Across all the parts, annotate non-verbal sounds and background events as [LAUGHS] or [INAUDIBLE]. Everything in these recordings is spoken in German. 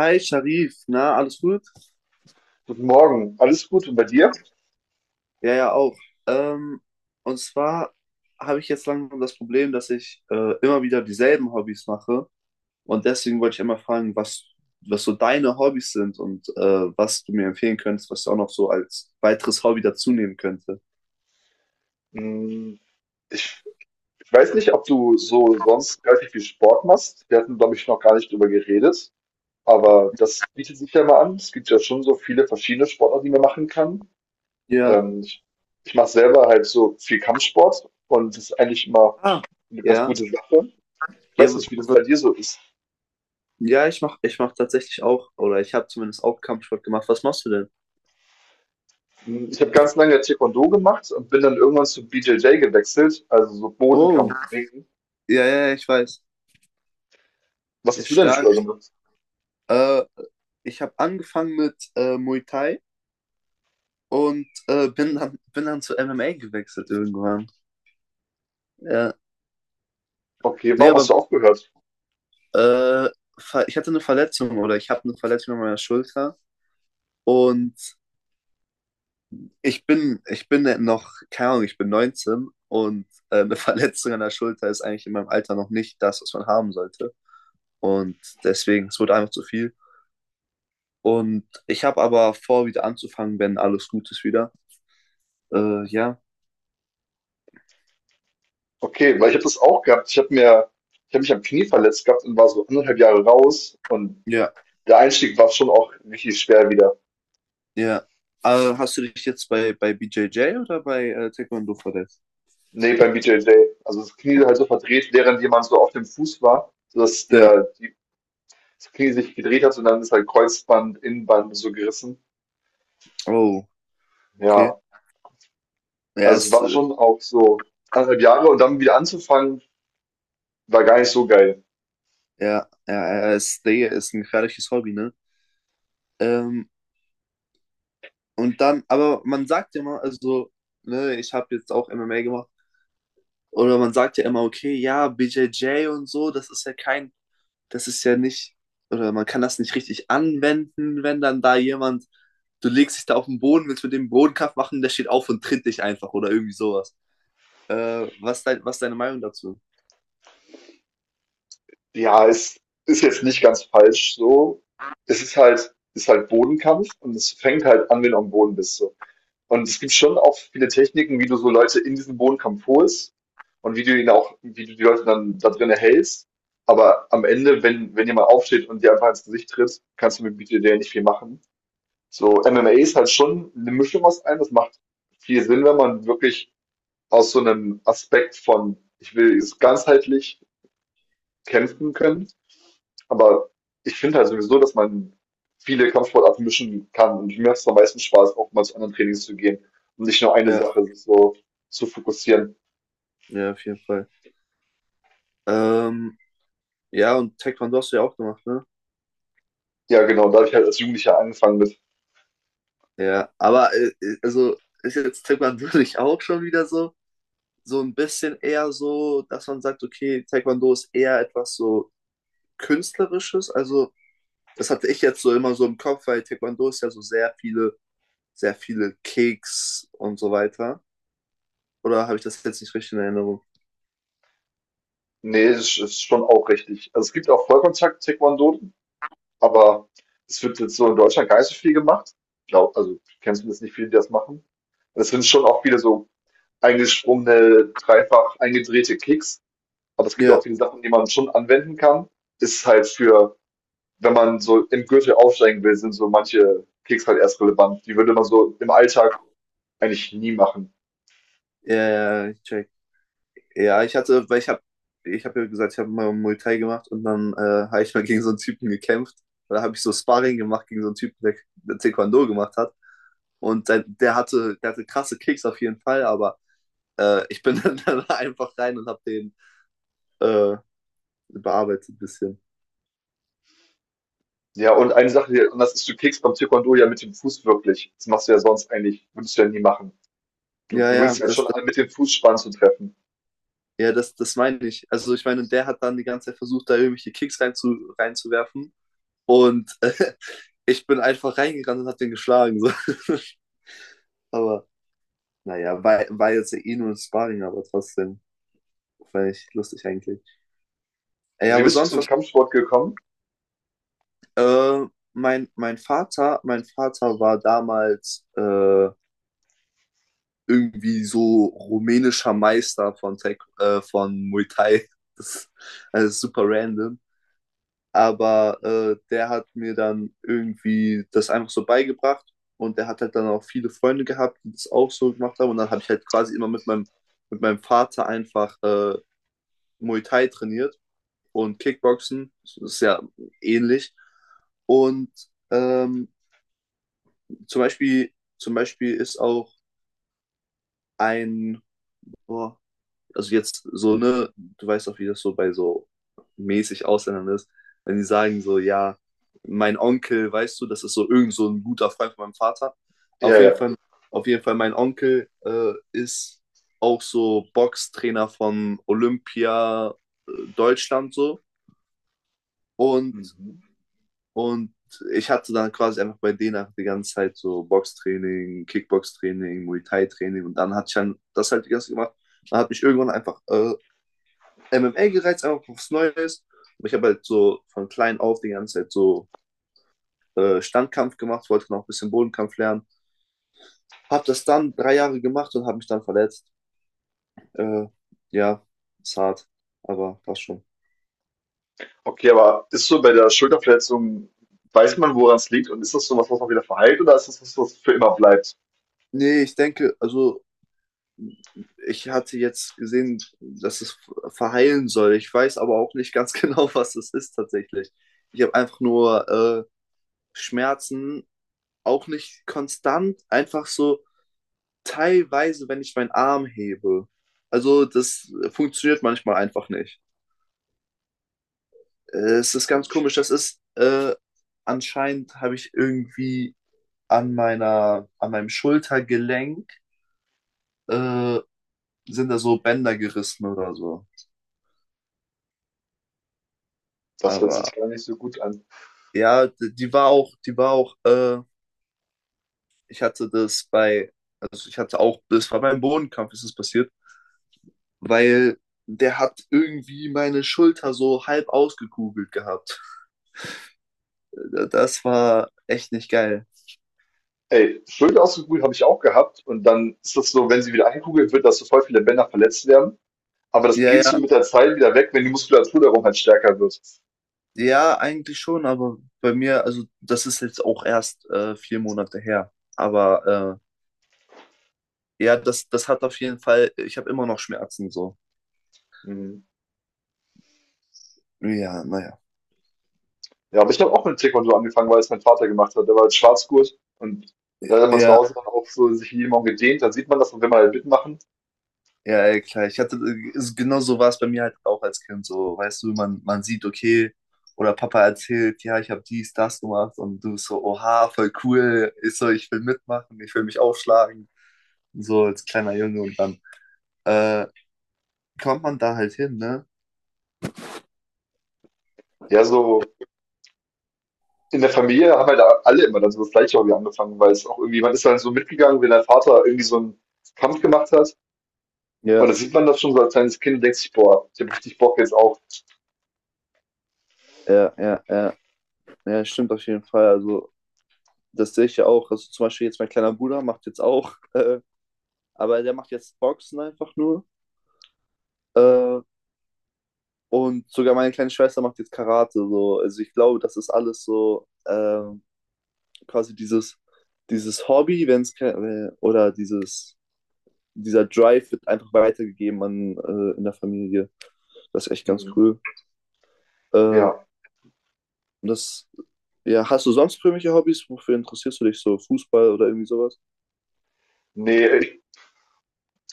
Hi Sharif, na, alles gut? Guten Morgen, alles gut und bei dir? Ja, ja, auch. Ähm, und zwar habe ich jetzt langsam das Problem, dass ich immer wieder dieselben Hobbys mache. Und deswegen wollte ich einmal fragen, was so deine Hobbys sind und was du mir empfehlen könntest, was du auch noch so als weiteres Hobby dazu nehmen könnte. Hm, Ich, ich weiß nicht, ob du so sonst relativ viel Sport machst. Wir hatten, glaube ich, noch gar nicht drüber geredet, aber das bietet sich ja mal an. Es gibt ja schon so viele verschiedene Sportarten, die man machen kann. Ja. Ähm, ich Ich mache selber halt so viel Kampfsport und das ist eigentlich immer Ah. eine ganz Ja. gute Sache. Ich Ja, weiß w- nicht, wie das w- bei dir so ist. ja, ich mach tatsächlich auch, oder ich habe zumindest auch Kampfsport gemacht. Was machst du denn? Hm, ich habe ganz lange Taekwondo gemacht und bin dann irgendwann zu BJJ gewechselt, also so Oh, Bodenkampf, Ringen. ja, ja, ja, ich weiß. Was Ja, hast du denn früher stark. gemacht? Äh, Ich habe angefangen mit Muay Thai. Und bin dann zu MMA gewechselt irgendwann. Ja. Okay, Nee, warum hast aber du aufgehört? äh, ich hatte eine Verletzung oder ich habe eine Verletzung an meiner Schulter. Und ich bin noch, keine Ahnung, ich bin 19 und eine [LAUGHS] Verletzung an der Schulter ist eigentlich in meinem Alter noch nicht das, was man haben sollte. Und deswegen, es wurde einfach zu viel. Und ich habe aber vor, wieder anzufangen, wenn alles gut ist wieder. Ja, Okay, weil ich habe das auch gehabt. Ich habe mich am Knie verletzt gehabt und war so anderthalb Jahre raus und ja, der Einstieg war schon auch richtig schwer wieder. ja. Hast du dich jetzt bei BJJ oder bei Taekwondo verletzt? Nee, beim BJJ. Also das Knie halt so verdreht, während jemand so auf dem Fuß war, sodass Ja, das Knie sich gedreht hat und dann ist halt Kreuzband, Innenband so gerissen. oh, okay. Ja, Ja, also es ist, war äh, schon auch so anderthalb Jahre und dann wieder anzufangen, war gar nicht so geil. ja, ja, ja, ist, Digga, ist ein gefährliches Hobby, ne? Ähm, und dann, aber man sagt ja immer, also, ne, ich habe jetzt auch MMA gemacht, oder man sagt ja immer, okay, ja, BJJ und so, das ist ja nicht, oder man kann das nicht richtig anwenden, wenn dann da jemand, du legst dich da auf den Boden, willst mit dem Bodenkampf machen, der steht auf und tritt dich einfach oder irgendwie sowas. Was ist deine Meinung dazu? Ja, es ist jetzt nicht ganz falsch so. Es ist halt Bodenkampf und es fängt halt an, wenn du am Boden bist so. Und es gibt schon auch viele Techniken, wie du so Leute in diesen Bodenkampf holst und wie du die Leute dann da drin erhältst. Aber am Ende, wenn jemand aufsteht und dir einfach ins Gesicht tritt, kannst du mit BJJ nicht viel machen. So, MMA ist halt schon eine Mischung aus allem. Das macht viel Sinn, wenn man wirklich aus so einem Aspekt von, ich will es ganzheitlich kämpfen können, aber ich finde halt sowieso, dass man viele Kampfsportarten mischen kann und mir macht es am meisten Spaß, auch mal zu anderen Trainings zu gehen und nicht nur eine Ja, Sache sich so zu fokussieren. ja, auf jeden Fall. Ähm, Ja, und Taekwondo hast du ja auch gemacht, ne? Ja, genau, da habe ich halt als Jugendlicher angefangen mit. Ja, aber also ist jetzt Taekwondo [LAUGHS] nicht auch schon wieder so, so ein bisschen eher so, dass man sagt, okay, Taekwondo ist eher etwas so Künstlerisches. Also, das hatte ich jetzt so immer so im Kopf, weil Taekwondo ist ja so sehr viele Kicks und so weiter. Oder habe ich das jetzt nicht richtig in Erinnerung? Ne, ist schon auch richtig. Also, es gibt auch Vollkontakt-Taekwondo, aber es wird jetzt so in Deutschland gar nicht so viel gemacht. Ich glaube also, ich kenne zumindest nicht viele, die das machen. Und es sind schon auch viele so eingesprungene, dreifach eingedrehte Kicks, aber es gibt auch Ja, viele Sachen, die man schon anwenden kann. Ist halt für wenn man so im Gürtel aufsteigen will, sind so manche Kicks halt erst relevant. Die würde man so im Alltag eigentlich nie machen. ja, ja, ja, ich check. Ja, ich hatte, weil ich habe, ich habe ja gesagt, ich habe mal Muay Thai gemacht und dann habe ich mal gegen so einen Typen gekämpft. Da habe ich so Sparring gemacht gegen so einen Typen, der Taekwondo gemacht hat. Und der hatte krasse Kicks auf jeden Fall, aber ich bin [LAUGHS] dann einfach rein und habe den äh, bearbeitet ein bisschen. Ja, und eine Sache, die anders ist, du kickst beim Taekwondo ja mit dem Fuß wirklich. Das machst du ja sonst eigentlich, würdest du ja nie machen. Du Ja, gewöhnst ja, ja das, schon das, an, mit dem Fuß Spann zu treffen. ja, das meine ich. Also ich meine, der hat dann die ganze Zeit versucht, da irgendwelche reinzuwerfen. Und [LAUGHS] ich bin einfach reingerannt und habe den geschlagen. So. [LAUGHS] Aber naja, war jetzt ja eh nur ein Sparring, aber trotzdem fand ich lustig eigentlich. Ja, Wie aber bist du sonst zum was. Kampfsport gekommen? Äh, mein Vater war damals irgendwie so rumänischer Meister von, von Muay Thai. [LAUGHS] Das, das super random. Aber der hat mir dann irgendwie das einfach so beigebracht und der hat halt dann auch viele Freunde gehabt, die das auch so gemacht haben. Und dann habe ich halt quasi immer mit mit meinem Vater einfach Muay Thai trainiert. Und Kickboxen. Das ist ja ähnlich. Und ähm, zum Beispiel, zum Beispiel ist auch ein, oh, also jetzt so, ne, du weißt auch, wie das so bei so mäßig Ausländern ist, wenn die sagen so, ja, mein Onkel, weißt du, das ist so irgend so ein guter Freund von meinem Vater. Ja, Auf jeden ja. Fall, auf jeden Fall, mein Onkel ist auch so Boxtrainer von Olympia Deutschland so. Und Mhm. Und ich hatte dann quasi einfach bei denen einfach die ganze Zeit so Boxtraining, Kickboxtraining, Muay Thai-Training und dann hatte ich dann das halt die ganze Zeit gemacht. Dann hat mich irgendwann einfach MMA gereizt, einfach was Neues. Und ich habe halt so von klein auf die ganze Zeit so Standkampf gemacht, wollte noch ein bisschen Bodenkampf lernen. Habe das dann drei Jahre gemacht und habe mich dann verletzt. Äh, ja, ist hart, aber passt schon. Okay, aber ist so bei der Schulterverletzung, weiß man, woran es liegt und ist das so was, was man wieder verheilt oder ist das was, was für immer bleibt? Nee, ich denke, also ich hatte jetzt gesehen, dass es verheilen soll. Ich weiß aber auch nicht ganz [LAUGHS] genau, was es ist tatsächlich. Ich habe einfach nur Schmerzen, auch nicht konstant, einfach so teilweise, wenn ich meinen Arm hebe. Also das funktioniert manchmal einfach nicht. Es ist ganz komisch. Das ist anscheinend habe ich irgendwie an an meinem Schultergelenk äh, sind da so Bänder gerissen oder so. Das hört Aber sich gar nicht so gut an. ja, die war auch, ich hatte das bei, also ich hatte auch, das war beim Bodenkampf ist es passiert, weil der hat irgendwie meine Schulter so halb ausgekugelt gehabt. Das war echt nicht geil. Ey, Schulter habe ich auch gehabt und dann ist das so, wenn sie wieder eingekugelt wird, dass so voll viele Bänder verletzt werden. Aber das Ja, geht so ja, mit der Zeit wieder weg, wenn die Muskulatur darum halt stärker wird. ja, eigentlich schon, aber bei mir, also das ist jetzt auch erst vier Monate her. Aber ja, das, das hat auf jeden Fall, ich habe immer noch Schmerzen so. Mhm. Ja, naja. Ja, aber ich habe auch mit Taekwondo angefangen, weil es mein Vater gemacht hat. Der war als Schwarzgurt und da hat er mal zu Ja. Hause dann auch so sich jeden Morgen gedehnt. Dann sieht man das und will man halt mitmachen. Ja, ey, klar. Genau so war es bei mir halt auch als Kind. So, weißt du, man sieht, okay, oder Papa erzählt, ja, ich habe dies, das gemacht und du bist so, oha, voll cool. Ist so, ich will mitmachen, ich will mich aufschlagen. So als kleiner Junge und dann äh, kommt man da halt hin, ne? Ja, so in der Familie haben halt alle immer dann so das gleiche Hobby angefangen, weil es auch irgendwie, man ist dann so mitgegangen, wenn dein Vater irgendwie so einen Kampf gemacht hat. Und Ja, da sieht man das schon so als kleines Kind und denkt sich, boah, ich habe richtig Bock jetzt auch. ja, ja, ja, ja, stimmt auf jeden Fall. Also, das sehe ich ja auch. Also, zum Beispiel jetzt mein kleiner Bruder macht jetzt auch, [LAUGHS] aber der macht jetzt Boxen einfach nur. Äh, Und sogar meine kleine Schwester macht jetzt Karate. So. Also ich glaube, das ist alles so quasi dieses, dieses Hobby, wenn es ke- oder dieses, dieser Drive wird einfach weitergegeben an, in der Familie. Das ist echt ganz Mhm. cool. Äh, Ja, das, ja, hast du sonst irgendwelche Hobbys? Wofür interessierst du dich so? Fußball oder irgendwie sowas? nee,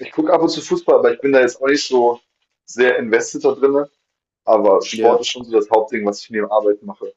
ich gucke ab und zu Fußball, aber ich bin da jetzt auch nicht so sehr invested da drinne. Aber Sport Ja, ist schon so das Hauptding, was ich neben Arbeit mache.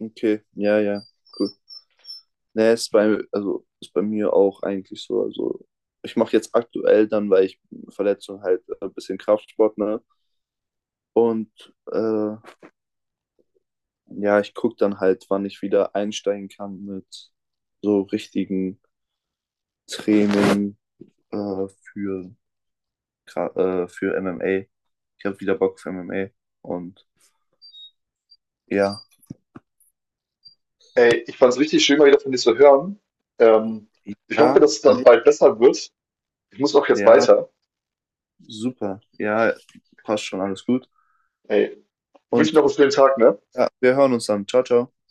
okay. Ja, ja, cool. Ne, ist bei, also ist bei mir auch eigentlich so. Also ich mache jetzt aktuell dann, weil ich Verletzung halt ein bisschen Kraftsport, ne? Und ja, ich gucke dann halt, wann ich wieder einsteigen kann mit so richtigen Training äh, für, für MMA. Ich habe wieder Bock für MMA. Und ja, Ey, ich fand's richtig schön, mal wieder von dir zu hören. Ähm, ich hoffe, ja, dass es dann bald besser wird. Ich muss auch jetzt ja, weiter. super. Ja, passt schon, alles gut. Ey, ich wünsche dir Und noch einen schönen Tag, ne? ja, wir hören uns dann. Ciao, ciao.